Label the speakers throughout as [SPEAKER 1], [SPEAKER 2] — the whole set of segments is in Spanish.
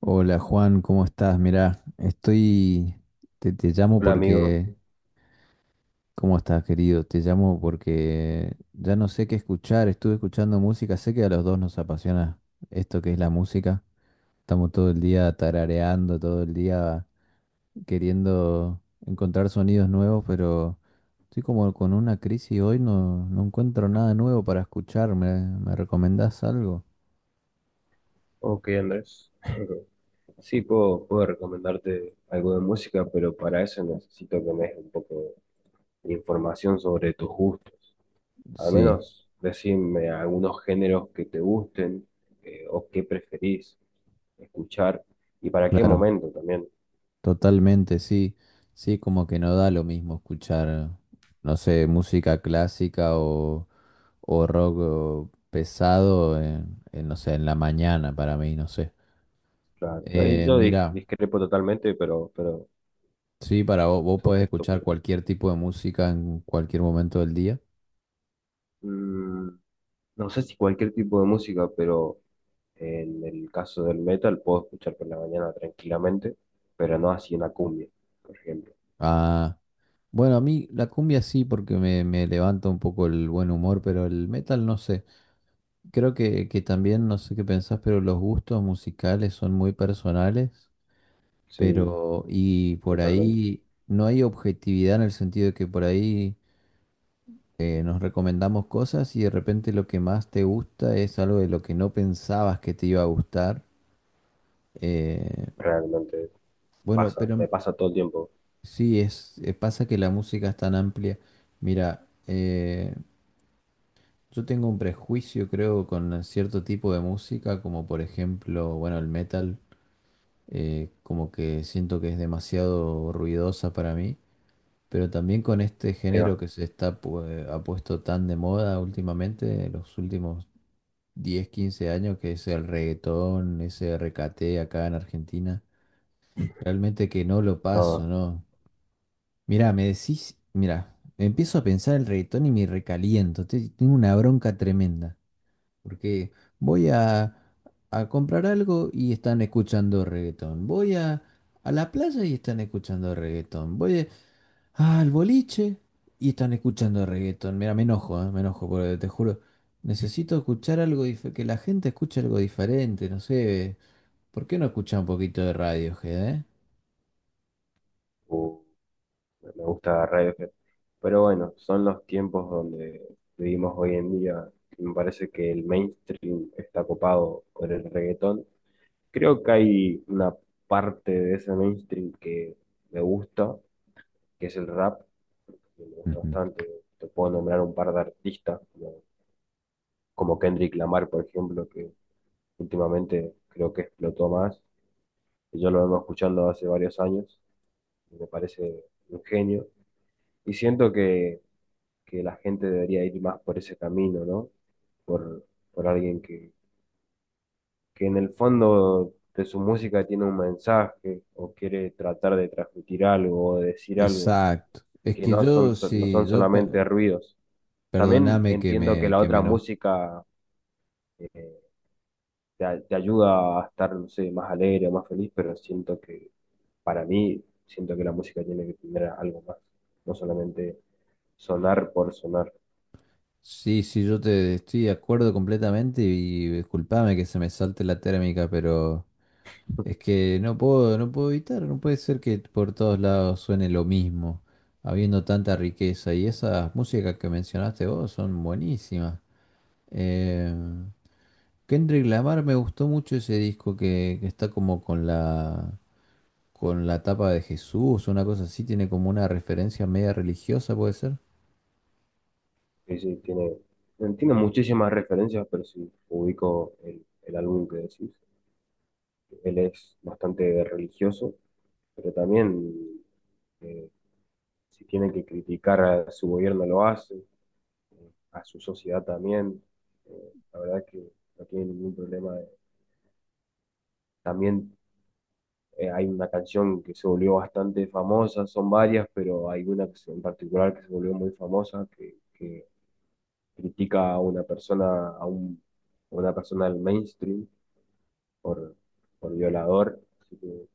[SPEAKER 1] Hola Juan, ¿cómo estás? Mirá, estoy, te llamo
[SPEAKER 2] Hola amigo,
[SPEAKER 1] porque, ¿cómo estás querido? Te llamo porque ya no sé qué escuchar, estuve escuchando música, sé que a los dos nos apasiona esto que es la música, estamos todo el día tarareando, todo el día queriendo encontrar sonidos nuevos, pero estoy como con una crisis hoy, no, no encuentro nada nuevo para escuchar, ¿me recomendás algo?
[SPEAKER 2] ok Andrés. Sí, puedo recomendarte algo de música, pero para eso necesito que me des un poco de información sobre tus gustos. Al
[SPEAKER 1] Sí,
[SPEAKER 2] menos decirme algunos géneros que te gusten, o que preferís escuchar y para qué
[SPEAKER 1] claro.
[SPEAKER 2] momento también.
[SPEAKER 1] Totalmente, sí. Sí, como que no da lo mismo escuchar, no sé, música clásica o rock o pesado en, no sé, en la mañana para mí, no sé.
[SPEAKER 2] Claro. No, y
[SPEAKER 1] Eh,
[SPEAKER 2] yo
[SPEAKER 1] mira,
[SPEAKER 2] discrepo totalmente, pero
[SPEAKER 1] sí, para vos, vos
[SPEAKER 2] esto,
[SPEAKER 1] podés
[SPEAKER 2] esto.
[SPEAKER 1] escuchar cualquier tipo de música en cualquier momento del día.
[SPEAKER 2] Mm, no sé si cualquier tipo de música, pero en el caso del metal puedo escuchar por la mañana tranquilamente, pero no así una cumbia, por ejemplo.
[SPEAKER 1] Ah, bueno, a mí la cumbia sí, porque me levanta un poco el buen humor, pero el metal no sé. Creo que también, no sé qué pensás, pero los gustos musicales son muy personales.
[SPEAKER 2] Sí,
[SPEAKER 1] Pero, y por
[SPEAKER 2] totalmente,
[SPEAKER 1] ahí no hay objetividad en el sentido de que por ahí nos recomendamos cosas y de repente lo que más te gusta es algo de lo que no pensabas que te iba a gustar. Eh,
[SPEAKER 2] realmente
[SPEAKER 1] bueno,
[SPEAKER 2] pasa, me
[SPEAKER 1] pero
[SPEAKER 2] pasa todo el tiempo,
[SPEAKER 1] sí, es, pasa que la música es tan amplia. Mira, yo tengo un prejuicio, creo, con cierto tipo de música, como por ejemplo, bueno, el metal, como que siento que es demasiado ruidosa para mí. Pero también con este
[SPEAKER 2] pero
[SPEAKER 1] género que se está ha puesto tan de moda últimamente, en los últimos 10 15 años, que es el reggaetón, ese recate acá en Argentina, realmente que no lo paso,
[SPEAKER 2] no,
[SPEAKER 1] ¿no? Mirá, me decís, mirá, empiezo a pensar el reggaetón y me recaliento, tengo una bronca tremenda, porque voy a, comprar algo y están escuchando reggaetón, voy a la playa y están escuchando reggaetón, voy a... Ah, el boliche. Y están escuchando reggaetón. Mira, me enojo, me enojo, porque te juro. Necesito escuchar algo que la gente escuche algo diferente, no sé. ¿Por qué no escuchar un poquito de Radiohead, eh?
[SPEAKER 2] uh, me gusta Radiohead. Pero bueno, son los tiempos donde vivimos hoy en día. Me parece que el mainstream está copado por el reggaetón. Creo que hay una parte de ese mainstream que me gusta, que es el rap, que me gusta
[SPEAKER 1] Ujú.
[SPEAKER 2] bastante. Te puedo nombrar un par de artistas, como Kendrick Lamar, por ejemplo, que últimamente creo que explotó más. Y yo lo vengo escuchando hace varios años y me parece un genio. Y siento que la gente debería ir más por ese camino, ¿no? Por, por alguien que en el fondo de su música tiene un mensaje o quiere tratar de transmitir algo o de decir algo,
[SPEAKER 1] Exacto. Es
[SPEAKER 2] que
[SPEAKER 1] que
[SPEAKER 2] no
[SPEAKER 1] yo,
[SPEAKER 2] son, no
[SPEAKER 1] sí,
[SPEAKER 2] son
[SPEAKER 1] yo,
[SPEAKER 2] solamente ruidos. También
[SPEAKER 1] perdóname
[SPEAKER 2] entiendo que la
[SPEAKER 1] que me
[SPEAKER 2] otra
[SPEAKER 1] enojo.
[SPEAKER 2] música eh, te ayuda a estar, no sé, más alegre, más feliz, pero siento que para mí, siento que la música tiene que tener algo más, no solamente sonar por sonar.
[SPEAKER 1] Sí, sí, yo te estoy de acuerdo completamente y disculpame que se me salte la térmica, pero es que no puedo, no puedo evitar, no puede ser que por todos lados suene lo mismo, habiendo tanta riqueza. Y esas músicas que mencionaste vos son buenísimas. Eh, Kendrick Lamar me gustó mucho ese disco que está como con la tapa de Jesús, una cosa así, tiene como una referencia media religiosa, puede ser.
[SPEAKER 2] Sí, sí, tiene muchísimas referencias, pero si ubico el álbum que decís, él es bastante religioso, pero también eh, si tiene que criticar a su gobierno lo hace, a su sociedad también, la verdad que no tiene ningún problema. También, hay una canción que se volvió bastante famosa, son varias, pero hay una en particular que se volvió muy famosa, que critica a una persona, a una persona del mainstream por, por violador. Así que,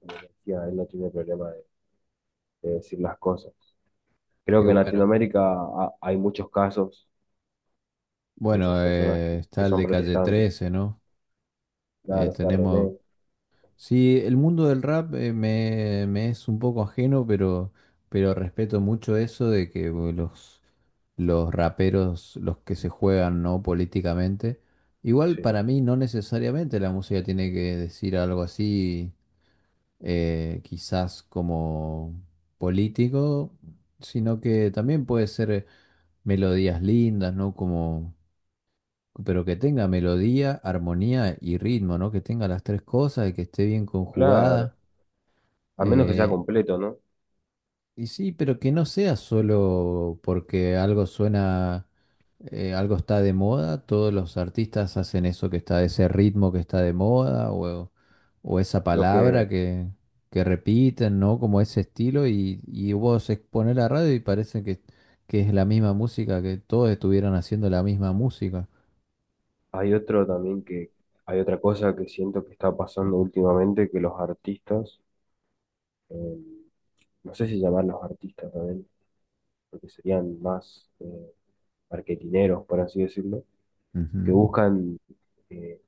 [SPEAKER 2] como decía, él no tiene problema de decir las cosas. Creo
[SPEAKER 1] Qué
[SPEAKER 2] que en
[SPEAKER 1] bueno.
[SPEAKER 2] Latinoamérica hay muchos casos de esas
[SPEAKER 1] Bueno,
[SPEAKER 2] personas
[SPEAKER 1] está
[SPEAKER 2] que
[SPEAKER 1] el
[SPEAKER 2] son
[SPEAKER 1] de Calle
[SPEAKER 2] protestantes.
[SPEAKER 1] 13, ¿no?
[SPEAKER 2] Claro, está
[SPEAKER 1] Tenemos
[SPEAKER 2] René.
[SPEAKER 1] Sí, el mundo del rap, me es un poco ajeno, pero respeto mucho eso de que bueno, los raperos, los que se juegan, ¿no? Políticamente. Igual
[SPEAKER 2] Sí,
[SPEAKER 1] para mí no necesariamente la música tiene que decir algo así, quizás como político, sino que también puede ser melodías lindas, ¿no? Como, pero que tenga melodía, armonía y ritmo, ¿no? Que tenga las tres cosas y que esté bien
[SPEAKER 2] claro,
[SPEAKER 1] conjugada.
[SPEAKER 2] a menos que sea
[SPEAKER 1] Eh,
[SPEAKER 2] completo, ¿no?
[SPEAKER 1] y sí, pero que no sea solo porque algo suena, algo está de moda, todos los artistas hacen eso que está, ese ritmo que está de moda o esa
[SPEAKER 2] Lo
[SPEAKER 1] palabra
[SPEAKER 2] que
[SPEAKER 1] que repiten, ¿no? Como ese estilo y vos exponés la radio y parece que es la misma música, que todos estuvieran haciendo la misma música.
[SPEAKER 2] Hay hay otra cosa que siento que está pasando últimamente, que los artistas, eh, no sé si llamarlos artistas también, porque serían más marketineros, por así decirlo, que
[SPEAKER 1] Ujú.
[SPEAKER 2] buscan eh,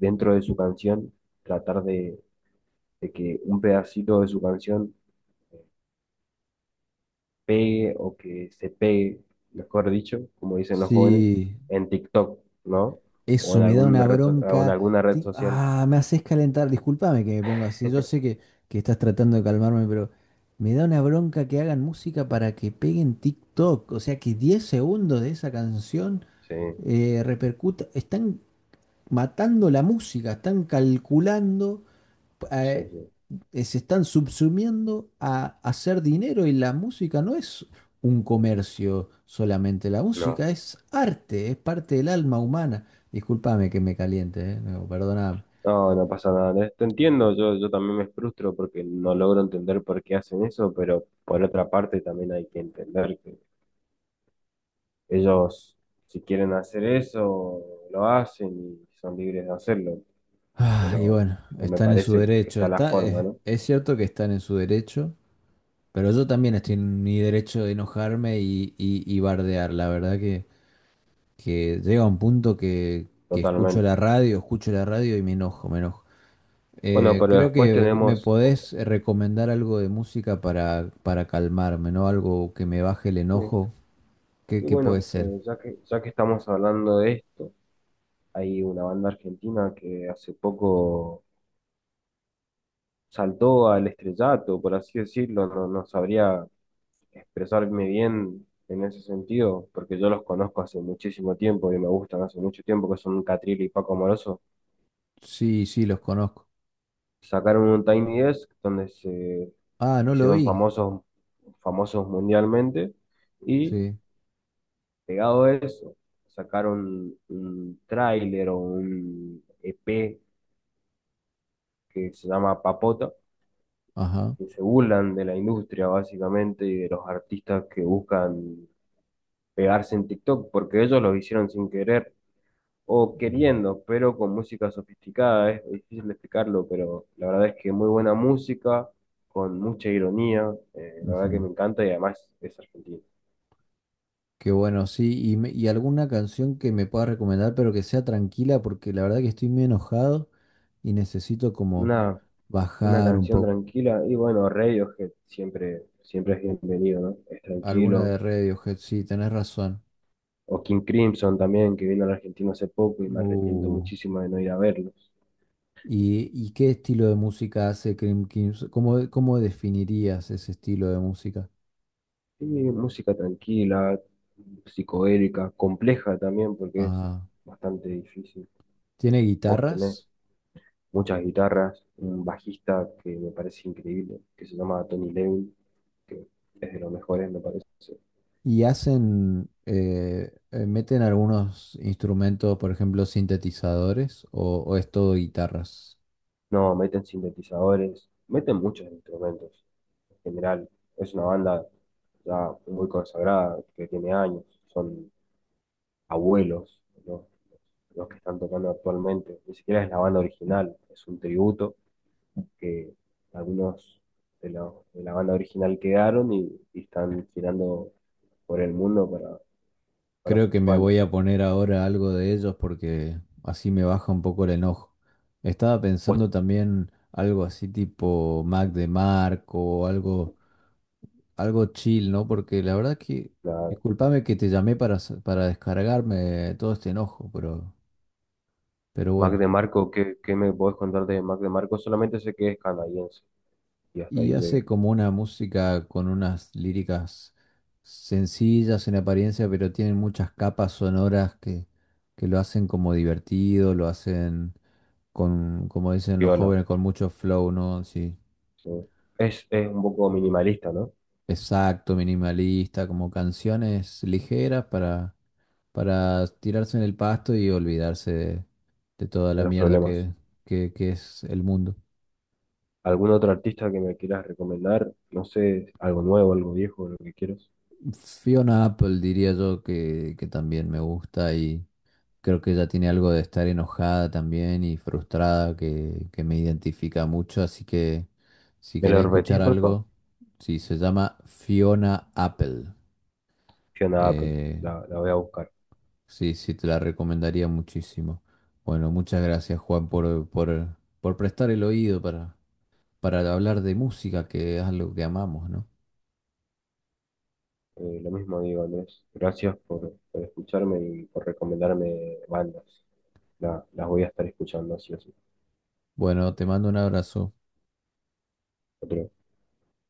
[SPEAKER 2] dentro de su canción tratar de que un pedacito de su canción eh, pegue o que se pegue, mejor dicho, como dicen los jóvenes,
[SPEAKER 1] Sí,
[SPEAKER 2] en TikTok, ¿no? O
[SPEAKER 1] eso
[SPEAKER 2] en
[SPEAKER 1] me da
[SPEAKER 2] algún
[SPEAKER 1] una
[SPEAKER 2] o en
[SPEAKER 1] bronca.
[SPEAKER 2] alguna red
[SPEAKER 1] Ti-
[SPEAKER 2] social.
[SPEAKER 1] Ah, me haces calentar. Discúlpame que me ponga así. Yo sé que estás tratando de calmarme, pero me da una bronca que hagan música para que peguen TikTok. O sea, que 10 segundos de esa canción
[SPEAKER 2] Sí,
[SPEAKER 1] repercuta. Están matando la música, están calculando.
[SPEAKER 2] sí,
[SPEAKER 1] eh,
[SPEAKER 2] sí.
[SPEAKER 1] se están subsumiendo a hacer dinero y la música no es un comercio solamente, la
[SPEAKER 2] No.
[SPEAKER 1] música es arte, es parte del alma humana. Discúlpame que me caliente, no, perdóname.
[SPEAKER 2] No, no pasa nada, ¿eh? Te entiendo, yo también me frustro porque no logro entender por qué hacen eso, pero por otra parte también hay que entender que ellos, si quieren hacer eso, lo hacen y son libres de hacerlo,
[SPEAKER 1] Ah, y
[SPEAKER 2] pero
[SPEAKER 1] bueno,
[SPEAKER 2] no me
[SPEAKER 1] están en su
[SPEAKER 2] parece que
[SPEAKER 1] derecho,
[SPEAKER 2] sea la
[SPEAKER 1] está,
[SPEAKER 2] forma, ¿no?
[SPEAKER 1] es cierto que están en su derecho, pero yo también estoy en mi derecho de enojarme y bardear. La verdad que llega un punto que
[SPEAKER 2] Totalmente.
[SPEAKER 1] escucho la radio y me enojo, me enojo.
[SPEAKER 2] Bueno, pero
[SPEAKER 1] Creo
[SPEAKER 2] después
[SPEAKER 1] que me podés recomendar algo de música para calmarme, ¿no? Algo que me baje el
[SPEAKER 2] sí,
[SPEAKER 1] enojo. ¿Qué,
[SPEAKER 2] y
[SPEAKER 1] qué puede
[SPEAKER 2] bueno,
[SPEAKER 1] ser?
[SPEAKER 2] ya ya que estamos hablando de esto, hay una banda argentina que hace poco saltó al estrellato, por así decirlo, no, no sabría expresarme bien en ese sentido, porque yo los conozco hace muchísimo tiempo y me gustan hace mucho tiempo, que son Catril y Paco Amoroso.
[SPEAKER 1] Sí, sí, los conozco.
[SPEAKER 2] Sacaron un Tiny Desk donde se
[SPEAKER 1] Ah, no lo
[SPEAKER 2] hicieron
[SPEAKER 1] vi.
[SPEAKER 2] famosos, famosos mundialmente y
[SPEAKER 1] Sí,
[SPEAKER 2] pegado a eso, sacaron un tráiler o un EP que se llama Papota,
[SPEAKER 1] ajá.
[SPEAKER 2] que se burlan de la industria básicamente y de los artistas que buscan pegarse en TikTok, porque ellos lo hicieron sin querer o
[SPEAKER 1] Mm,
[SPEAKER 2] queriendo, pero con música sofisticada, es difícil explicarlo, pero la verdad es que muy buena música, con mucha ironía, la verdad que
[SPEAKER 1] ujú.
[SPEAKER 2] me encanta y además es argentino.
[SPEAKER 1] Qué bueno, sí. Y, y alguna canción que me pueda recomendar, pero que sea tranquila, porque la verdad que estoy muy enojado y necesito como
[SPEAKER 2] Una, una
[SPEAKER 1] bajar un
[SPEAKER 2] canción
[SPEAKER 1] poco.
[SPEAKER 2] tranquila y bueno, Radiohead siempre, siempre es bienvenido, ¿no? Es
[SPEAKER 1] Alguna
[SPEAKER 2] tranquilo.
[SPEAKER 1] de Radiohead, sí, tenés razón.
[SPEAKER 2] O King Crimson también, que vino a la Argentina hace poco y me arrepiento
[SPEAKER 1] Uh.
[SPEAKER 2] muchísimo de no ir a verlos.
[SPEAKER 1] Y qué estilo de música hace Cream Kims? ¿Cómo definirías ese estilo de música?
[SPEAKER 2] Sí, música tranquila, psicodélica, compleja también porque es
[SPEAKER 1] Ah,
[SPEAKER 2] bastante difícil.
[SPEAKER 1] tiene
[SPEAKER 2] Vos tenés
[SPEAKER 1] guitarras
[SPEAKER 2] muchas guitarras, un bajista que me parece increíble, que se llama Tony Levin, que es de los mejores, me parece.
[SPEAKER 1] y hacen, meten algunos instrumentos, por ejemplo, sintetizadores o es todo guitarras.
[SPEAKER 2] No, meten sintetizadores, meten muchos instrumentos en general. Es una banda ya muy consagrada, que tiene años, son abuelos, ¿no? Los que están tocando actualmente. Ni siquiera es la banda original, es un tributo que algunos de la banda original quedaron y están girando por el mundo para
[SPEAKER 1] Creo
[SPEAKER 2] sus
[SPEAKER 1] que me
[SPEAKER 2] fans,
[SPEAKER 1] voy
[SPEAKER 2] ¿no?
[SPEAKER 1] a poner ahora algo de ellos porque así me baja un poco el enojo. Estaba
[SPEAKER 2] Pues,
[SPEAKER 1] pensando también algo así tipo Mac de Marco o algo algo chill, ¿no? Porque la verdad que,
[SPEAKER 2] la-
[SPEAKER 1] discúlpame que te llamé para, para descargarme todo este enojo, pero,
[SPEAKER 2] Mac
[SPEAKER 1] bueno.
[SPEAKER 2] DeMarco, ¿qué me podés contar de Mac DeMarco? Solamente sé que es canadiense y hasta
[SPEAKER 1] Y
[SPEAKER 2] ahí llegué.
[SPEAKER 1] hace como una música con unas líricas sencillas en apariencia, pero tienen muchas capas sonoras que lo hacen como divertido, lo hacen con, como dicen los
[SPEAKER 2] Viola.
[SPEAKER 1] jóvenes, con mucho flow, ¿no? Sí,
[SPEAKER 2] Sí. Es un poco minimalista, ¿no?
[SPEAKER 1] exacto, minimalista, como canciones ligeras para tirarse en el pasto y olvidarse de toda
[SPEAKER 2] De
[SPEAKER 1] la
[SPEAKER 2] los
[SPEAKER 1] mierda
[SPEAKER 2] problemas.
[SPEAKER 1] que, que es el mundo.
[SPEAKER 2] ¿Algún otro artista que me quieras recomendar? No sé, algo nuevo, algo viejo, lo que quieras.
[SPEAKER 1] Fiona Apple diría yo que también me gusta y creo que ella tiene algo de estar enojada también y frustrada que me identifica mucho, así que si
[SPEAKER 2] ¿Me lo
[SPEAKER 1] querés
[SPEAKER 2] repetís,
[SPEAKER 1] escuchar
[SPEAKER 2] por favor?
[SPEAKER 1] algo, sí, se llama Fiona Apple.
[SPEAKER 2] Fiona Apple,
[SPEAKER 1] Eh,
[SPEAKER 2] la voy a buscar.
[SPEAKER 1] Sí, sí, te la recomendaría muchísimo. Bueno, muchas gracias, Juan, por prestar el oído para hablar de música, que es algo que amamos, ¿no?
[SPEAKER 2] Lo mismo digo, Andrés. Gracias por escucharme y por recomendarme bandas. Las voy a estar escuchando, así o sí.
[SPEAKER 1] Bueno, te mando un abrazo.
[SPEAKER 2] Otro